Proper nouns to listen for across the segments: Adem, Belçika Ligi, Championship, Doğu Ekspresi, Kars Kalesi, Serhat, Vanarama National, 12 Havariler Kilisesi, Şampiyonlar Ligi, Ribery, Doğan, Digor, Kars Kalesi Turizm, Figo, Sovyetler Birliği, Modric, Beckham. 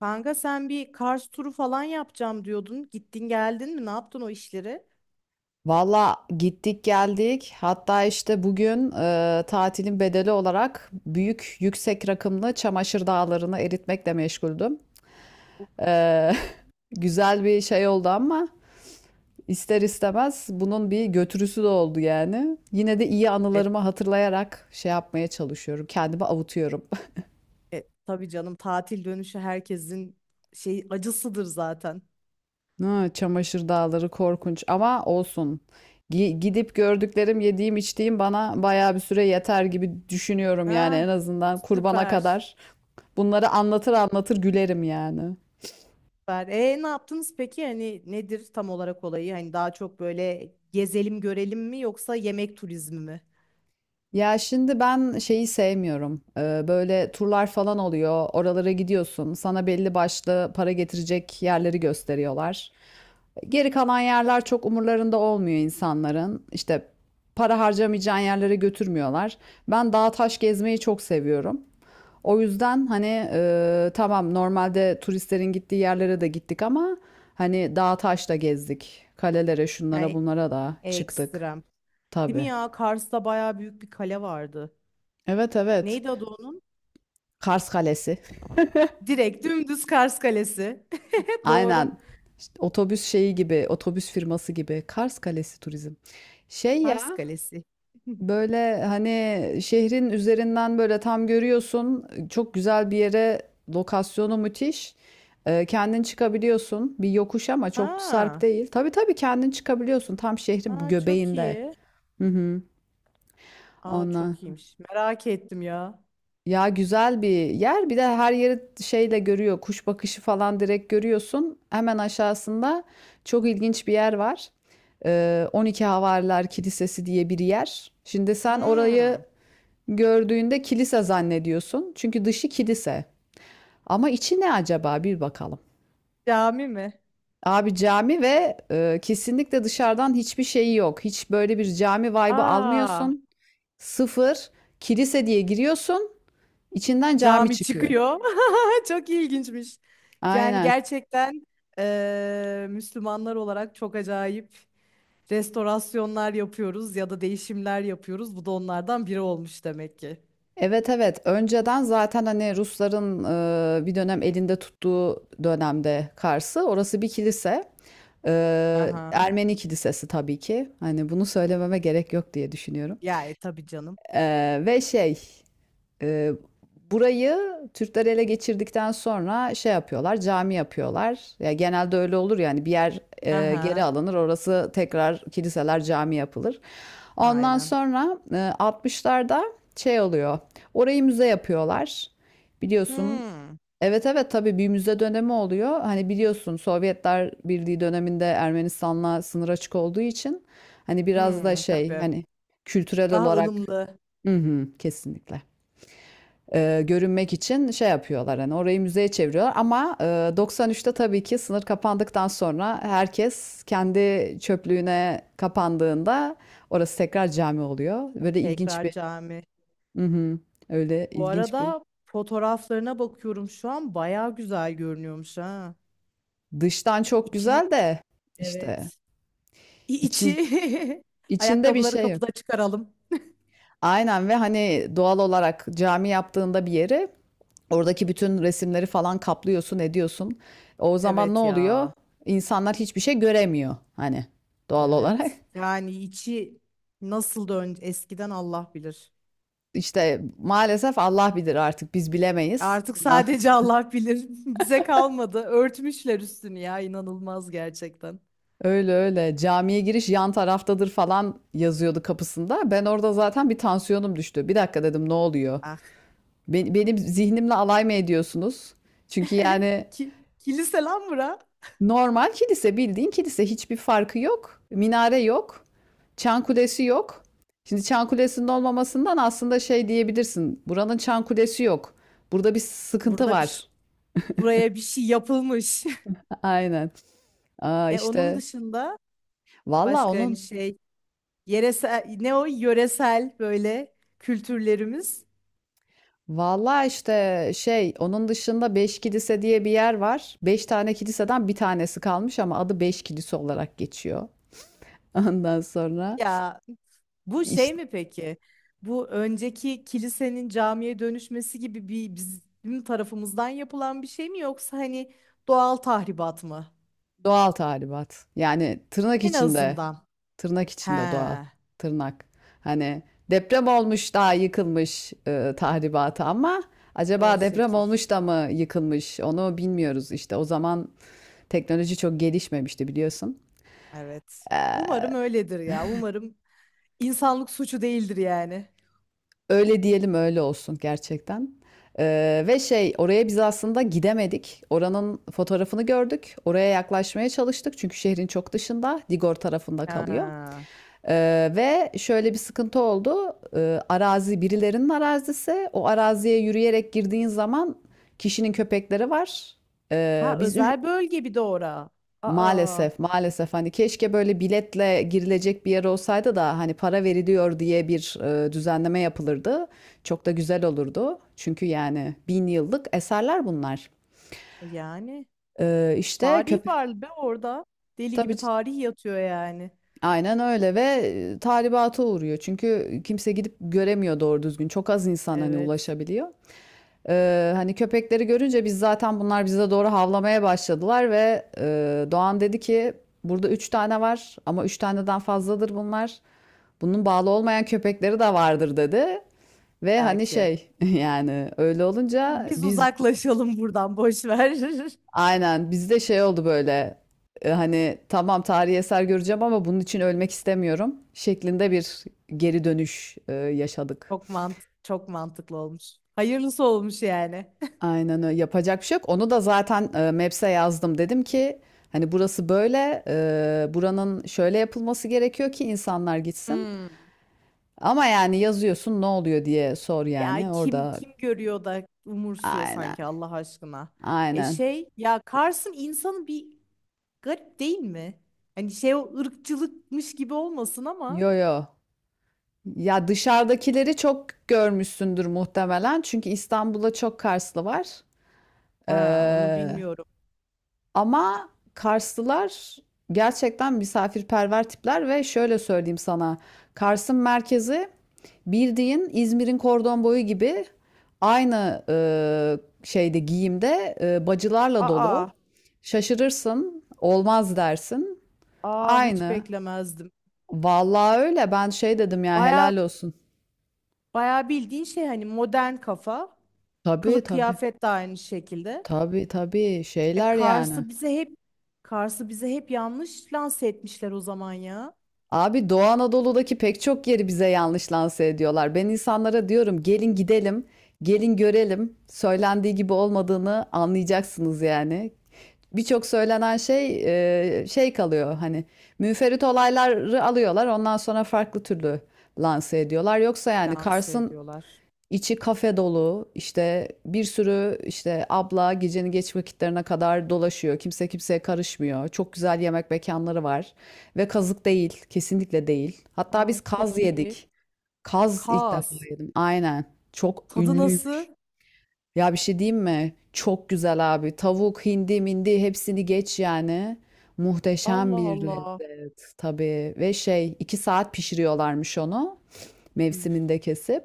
Kanka sen bir Kars turu falan yapacağım diyordun. Gittin geldin mi? Ne yaptın o işleri? Valla gittik geldik. Hatta işte bugün tatilin bedeli olarak büyük yüksek rakımlı çamaşır dağlarını eritmekle meşguldüm. E, güzel bir şey oldu ama ister istemez bunun bir götürüsü de oldu yani. Yine de iyi E, anılarımı hatırlayarak şey yapmaya çalışıyorum. Kendimi avutuyorum. Tabii canım, tatil dönüşü herkesin şey acısıdır zaten. Ha, çamaşır dağları korkunç ama olsun. Gidip gördüklerim, yediğim, içtiğim bana bayağı bir süre yeter gibi düşünüyorum yani, en Ah, azından kurbana süper. kadar. Bunları anlatır anlatır gülerim yani. Süper. E, ne yaptınız peki? Hani nedir tam olarak olayı? Hani daha çok böyle gezelim görelim mi yoksa yemek turizmi mi? Ya şimdi ben şeyi sevmiyorum. Böyle turlar falan oluyor. Oralara gidiyorsun. Sana belli başlı para getirecek yerleri gösteriyorlar. Geri kalan yerler çok umurlarında olmuyor insanların. İşte para harcamayacağın yerlere götürmüyorlar. Ben dağ taş gezmeyi çok seviyorum. O yüzden hani tamam, normalde turistlerin gittiği yerlere de gittik ama hani dağ taş da gezdik. Kalelere, şunlara Yani bunlara da çıktık. ekstrem. Değil mi Tabii. ya? Kars'ta bayağı büyük bir kale vardı. Evet evet. Neydi adı onun? Kars Kalesi. Direkt dümdüz Kars Kalesi. Doğru. Aynen. İşte otobüs şeyi gibi, otobüs firması gibi. Kars Kalesi Turizm. Şey Kars ya, Kalesi. böyle hani şehrin üzerinden böyle tam görüyorsun. Çok güzel bir yere, lokasyonu müthiş. Kendin çıkabiliyorsun. Bir yokuş ama çok sarp Ha, değil. Tabii tabii, kendin çıkabiliyorsun. Tam şehrin aa, çok göbeğinde. iyi. Hı hı. Aa, Ondan. çok iyiymiş. Merak ettim ya. Ya güzel bir yer. Bir de her yeri şeyle görüyor. Kuş bakışı falan direkt görüyorsun. Hemen aşağısında çok ilginç bir yer var. 12 Havariler Kilisesi diye bir yer. Şimdi sen orayı Hmm. gördüğünde kilise zannediyorsun. Çünkü dışı kilise. Ama içi ne acaba? Bir bakalım. Cami mi? Abi cami ve kesinlikle dışarıdan hiçbir şeyi yok. Hiç böyle bir cami vibe'ı Aa, almıyorsun. Sıfır. Kilise diye giriyorsun. İçinden cami cami çıkıyor. çıkıyor. Çok ilginçmiş. Yani Aynen. gerçekten Müslümanlar olarak çok acayip restorasyonlar yapıyoruz ya da değişimler yapıyoruz. Bu da onlardan biri olmuş demek ki. Evet evet, önceden zaten hani Rusların bir dönem elinde tuttuğu dönemde Kars'ı, orası bir kilise. E, Aha. Ermeni kilisesi tabii ki, hani bunu söylememe gerek yok diye düşünüyorum. Ya e, tabii canım. E, ve şey ee, Burayı Türkler ele geçirdikten sonra şey yapıyorlar, cami yapıyorlar. Ya genelde öyle olur yani, bir yer geri Aha. alınır, orası tekrar kiliseler, cami yapılır. Ondan Aynen. sonra 60'larda şey oluyor. Orayı müze yapıyorlar. Biliyorsun. Hmm. Evet evet, tabii bir müze dönemi oluyor. Hani biliyorsun, Sovyetler Birliği döneminde Ermenistan'la sınır açık olduğu için hani biraz da Hmm, şey tabii. hani kültürel Daha olarak, ılımlı. hı hı, kesinlikle görünmek için şey yapıyorlar, hani orayı müzeye çeviriyorlar ama 93'te tabii ki sınır kapandıktan sonra, herkes kendi çöplüğüne kapandığında orası tekrar cami oluyor. Böyle ilginç Tekrar bir. cami. Hı hı. Öyle Bu ilginç bir. arada fotoğraflarına bakıyorum şu an bayağı güzel görünüyormuş ha. Dıştan çok İçini, güzel de işte evet. İçin İçi. içinde bir Ayakkabıları şey yok. kapıda çıkaralım. Aynen, ve hani doğal olarak cami yaptığında bir yeri, oradaki bütün resimleri falan kaplıyorsun, ediyorsun. O zaman ne Evet oluyor? ya. İnsanlar hiçbir şey göremiyor hani, doğal olarak. Evet. Yani içi nasıl dön eskiden Allah bilir. İşte maalesef Allah bilir, artık biz bilemeyiz. Artık Buna sadece Allah bilir. Bize kalmadı. Örtmüşler üstünü ya, inanılmaz gerçekten. öyle öyle camiye giriş yan taraftadır falan yazıyordu kapısında. Ben orada zaten bir, tansiyonum düştü. Bir dakika dedim, ne oluyor? Ah. Benim zihnimle alay mı ediyorsunuz? Çünkü yani Ki kilise lan bura. normal kilise, bildiğin kilise, hiçbir farkı yok. Minare yok. Çan kulesi yok. Şimdi çan kulesinin olmamasından aslında şey diyebilirsin. Buranın çan kulesi yok. Burada bir sıkıntı Burada bir şey- var. Buraya bir şey yapılmış. Aynen. Aa, E, onun işte dışında valla başka hani onun şey, Yeresel, ne o, yöresel böyle kültürlerimiz. valla işte şey, onun dışında beş kilise diye bir yer var. Beş tane kiliseden bir tanesi kalmış ama adı beş kilise olarak geçiyor. Ondan sonra Ya, bu şey işte mi peki? Bu, önceki kilisenin camiye dönüşmesi gibi bir bizim tarafımızdan yapılan bir şey mi, yoksa hani doğal tahribat mı? doğal tahribat. Yani tırnak En içinde. azından. Tırnak He, içinde doğal. Tırnak. Hani deprem olmuş daha yıkılmış tahribatı ama o acaba deprem şekil. olmuş da mı yıkılmış onu bilmiyoruz işte. O zaman teknoloji çok gelişmemişti biliyorsun. Evet. Ee, Umarım öyledir ya. Umarım insanlık suçu değildir yani. Öyle diyelim, öyle olsun gerçekten. Ve şey, oraya biz aslında gidemedik. Oranın fotoğrafını gördük. Oraya yaklaşmaya çalıştık çünkü şehrin çok dışında, Digor tarafında kalıyor. Ha, Ve şöyle bir sıkıntı oldu. Arazi birilerinin arazisi. O araziye yürüyerek girdiğin zaman kişinin köpekleri var. Ee, ha, biz üç- özel bölge bir de ora. Aa, Maalesef maalesef, hani keşke böyle biletle girilecek bir yer olsaydı da hani para veriliyor diye bir düzenleme yapılırdı. Çok da güzel olurdu. Çünkü yani bin yıllık eserler bunlar. yani. İşte Tarih köpek, var be orada. Deli tabii. gibi tarih yatıyor yani. Aynen öyle, ve tahribata uğruyor. Çünkü kimse gidip göremiyor doğru düzgün. Çok az insan hani Evet, ulaşabiliyor. Hani köpekleri görünce biz, zaten bunlar bize doğru havlamaya başladılar ve Doğan dedi ki burada üç tane var ama üç taneden fazladır bunlar. Bunun bağlı olmayan köpekleri de vardır dedi. Ve hani belki. şey yani öyle olunca Biz biz, uzaklaşalım buradan, boş ver. aynen bizde şey oldu böyle hani tamam tarihi eser göreceğim ama bunun için ölmek istemiyorum şeklinde bir geri dönüş yaşadık. Çok mantık, çok mantıklı olmuş. Hayırlısı olmuş yani. Aynen öyle, yapacak bir şey yok. Onu da zaten Maps'e yazdım. Dedim ki hani burası böyle buranın şöyle yapılması gerekiyor ki insanlar gitsin. Hmm. Ama yani yazıyorsun, ne oluyor diye sor Ya, yani kim orada. kim görüyor da umursuyor aynen sanki, Allah aşkına. E aynen şey ya, Kars'ın insanı bir garip değil mi? Hani şey, o ırkçılıkmış gibi olmasın ama. yo yo ya dışarıdakileri çok görmüşsündür muhtemelen. Çünkü İstanbul'da çok Karslı var. Ha, onu Ee, bilmiyorum. Ama Karslılar gerçekten misafirperver tipler ve şöyle söyleyeyim sana. Kars'ın merkezi bildiğin İzmir'in kordon boyu gibi, aynı şeyde, giyimde bacılarla dolu. Aa, Şaşırırsın, olmaz dersin. aa, hiç Aynı. beklemezdim. Vallahi öyle. Ben şey dedim, ya Baya helal olsun. Bayağı bildiğin şey, hani modern kafa. Tabii Kılık tabii. kıyafet de aynı şekilde. Tabii tabii, E şeyler yani. Kars'ı bize hep Kars'ı bize hep yanlış lanse etmişler o zaman ya. Abi Doğu Anadolu'daki pek çok yeri bize yanlış lanse ediyorlar. Ben insanlara diyorum, gelin gidelim, gelin görelim. Söylendiği gibi olmadığını anlayacaksınız yani. Birçok söylenen şey şey kalıyor hani, müferit olayları alıyorlar ondan sonra farklı türlü lanse ediyorlar. Yoksa yani Lanse Kars'ın ediyorlar. İçi kafe dolu, işte bir sürü işte abla gecenin geç vakitlerine kadar dolaşıyor. Kimse kimseye karışmıyor. Çok güzel yemek mekanları var. Ve kazık değil. Kesinlikle değil. Hatta Aa, biz kaz çok iyi. yedik. Kaz ilk defa Kaz. yedim. Aynen. Çok Tadı nasıl? ünlüymüş. Ya bir şey diyeyim mi? Çok güzel abi. Tavuk, hindi, mindi, hepsini geç yani. Muhteşem Allah bir Allah. lezzet tabii. Ve şey, iki saat pişiriyorlarmış onu, Üf. mevsiminde kesip.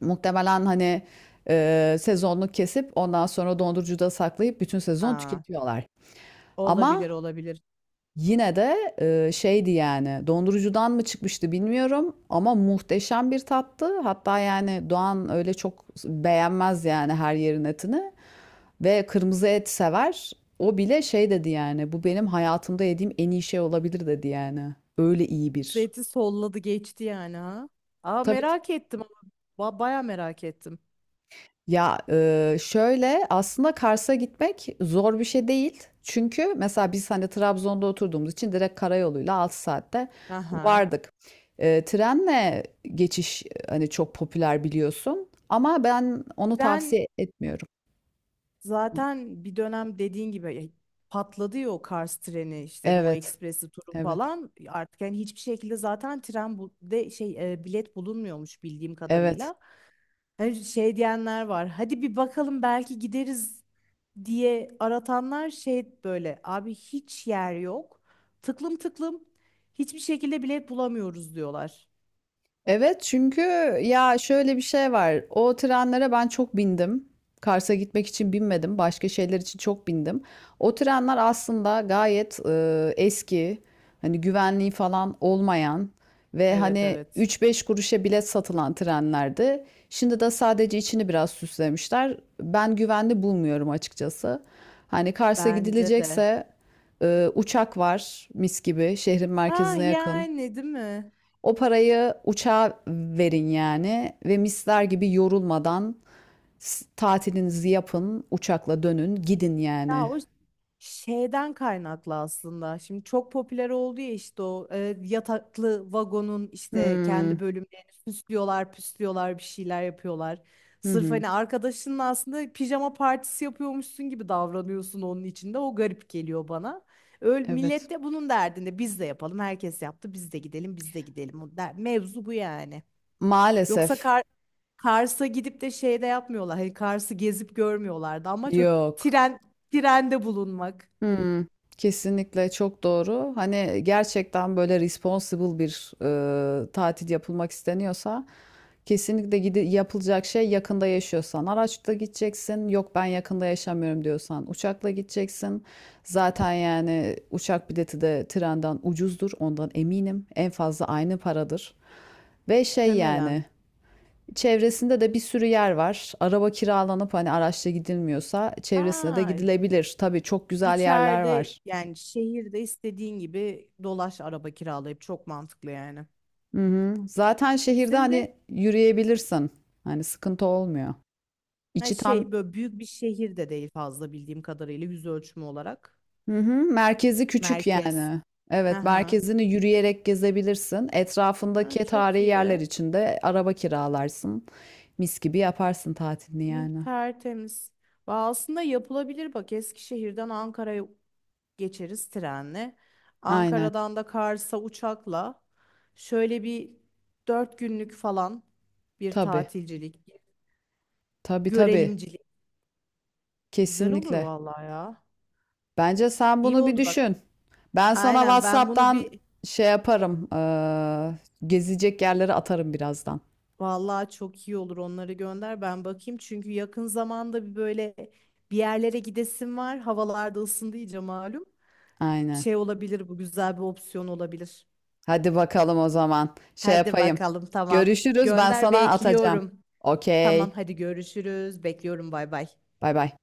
Muhtemelen hani, sezonluk kesip ondan sonra dondurucuda saklayıp bütün sezon Ha, tüketiyorlar. Ama olabilir olabilir. yine de, şeydi yani, dondurucudan mı çıkmıştı bilmiyorum ama muhteşem bir tattı. Hatta yani Doğan öyle çok beğenmez yani her yerin etini ve kırmızı et sever. O bile şey dedi yani, "Bu benim hayatımda yediğim en iyi şey olabilir." dedi yani. Öyle iyi bir. Zeytin solladı geçti yani ha. Aa, Tabii. merak ettim ama baya merak ettim. Ya şöyle, aslında Kars'a gitmek zor bir şey değil. Çünkü mesela biz hani Trabzon'da oturduğumuz için direkt karayoluyla 6 saatte Aha. vardık. Trenle geçiş hani çok popüler biliyorsun ama ben onu İren. tavsiye etmiyorum. Zaten bir dönem dediğin gibi ya, patladı ya o Kars treni işte, Doğu Evet, Ekspresi turu evet, falan, artık yani hiçbir şekilde zaten tren bu de şey, bilet bulunmuyormuş bildiğim evet. kadarıyla. Hani şey diyenler var. Hadi bir bakalım belki gideriz diye aratanlar, şey böyle, abi hiç yer yok. Tıklım tıklım hiçbir şekilde bilet bulamıyoruz diyorlar. Evet çünkü, ya şöyle bir şey var. O trenlere ben çok bindim. Kars'a gitmek için binmedim. Başka şeyler için çok bindim. O trenler aslında gayet eski. Hani güvenliği falan olmayan ve Evet, hani evet. üç beş kuruşa bilet satılan trenlerdi. Şimdi de sadece içini biraz süslemişler. Ben güvenli bulmuyorum açıkçası. Hani Kars'a Bence de. gidilecekse uçak var, mis gibi şehrin Ah, merkezine yakın. yani değil mi? O parayı uçağa verin yani ve misler gibi yorulmadan tatilinizi yapın, uçakla dönün, gidin Ya yani. o Şeyden kaynaklı aslında. Şimdi çok popüler oldu ya işte o yataklı vagonun işte kendi Hmm. bölümlerini süslüyorlar, püslüyorlar, bir şeyler yapıyorlar. Hı Sırf hı. hani arkadaşının aslında pijama partisi yapıyormuşsun gibi davranıyorsun onun içinde. O garip geliyor bana. Öyle Evet. millet de bunun derdinde, biz de yapalım. Herkes yaptı. Biz de gidelim, biz de gidelim. Mevzu bu yani. Yoksa Maalesef Kar Kars'a gidip de şeyde yapmıyorlar. Hani Kars'ı gezip görmüyorlardı. Amaç o yok. tren trende bulunmak. Hmm, kesinlikle çok doğru. Hani gerçekten böyle responsible bir tatil yapılmak isteniyorsa kesinlikle gidi yapılacak şey, yakında yaşıyorsan araçla gideceksin. Yok ben yakında yaşamıyorum diyorsan uçakla gideceksin. Zaten yani uçak bileti de trenden ucuzdur. Ondan eminim. En fazla aynı paradır. Ve şey Temelen. yani çevresinde de bir sürü yer var. Araba kiralanıp hani araçla gidilmiyorsa çevresine de Aa, gidilebilir. Tabii çok güzel yerler içeride var. yani şehirde istediğin gibi dolaş, araba kiralayıp, çok mantıklı yani. Hı hı. Zaten şehirde Bizim de, hani yürüyebilirsin. Hani sıkıntı olmuyor. ha İçi tam, şey, böyle büyük bir şehir de değil fazla bildiğim kadarıyla, yüz ölçümü olarak. hı hı. Merkezi küçük Merkez. yani. Evet, Aha. merkezini yürüyerek gezebilirsin. Ha, Etrafındaki çok tarihi iyi. yerler için de araba kiralarsın. Mis gibi yaparsın tatilini Hı, yani. tertemiz. Va, aslında yapılabilir bak, Eskişehir'den Ankara'ya geçeriz trenle. Aynen. Ankara'dan da Kars'a uçakla, şöyle bir 4 günlük falan bir Tabii. tatilcilik. Tabii tabii. Görelimcilik. Güzel olur Kesinlikle. vallahi ya. Bence sen İyi bunu bir oldu bak. düşün. Ben sana Aynen, ben bunu WhatsApp'tan bir, şey yaparım. Gezecek yerleri atarım birazdan. vallahi çok iyi olur, onları gönder ben bakayım. Çünkü yakın zamanda bir böyle bir yerlere gidesim var. Havalarda ısındı iyice malum. Aynen. Şey olabilir, bu güzel bir opsiyon olabilir. Hadi bakalım o zaman. Şey Hadi yapayım. bakalım, tamam. Görüşürüz. Ben Gönder, sana atacağım. bekliyorum. Tamam Okey. hadi, görüşürüz. Bekliyorum, bay bay. Bay bay.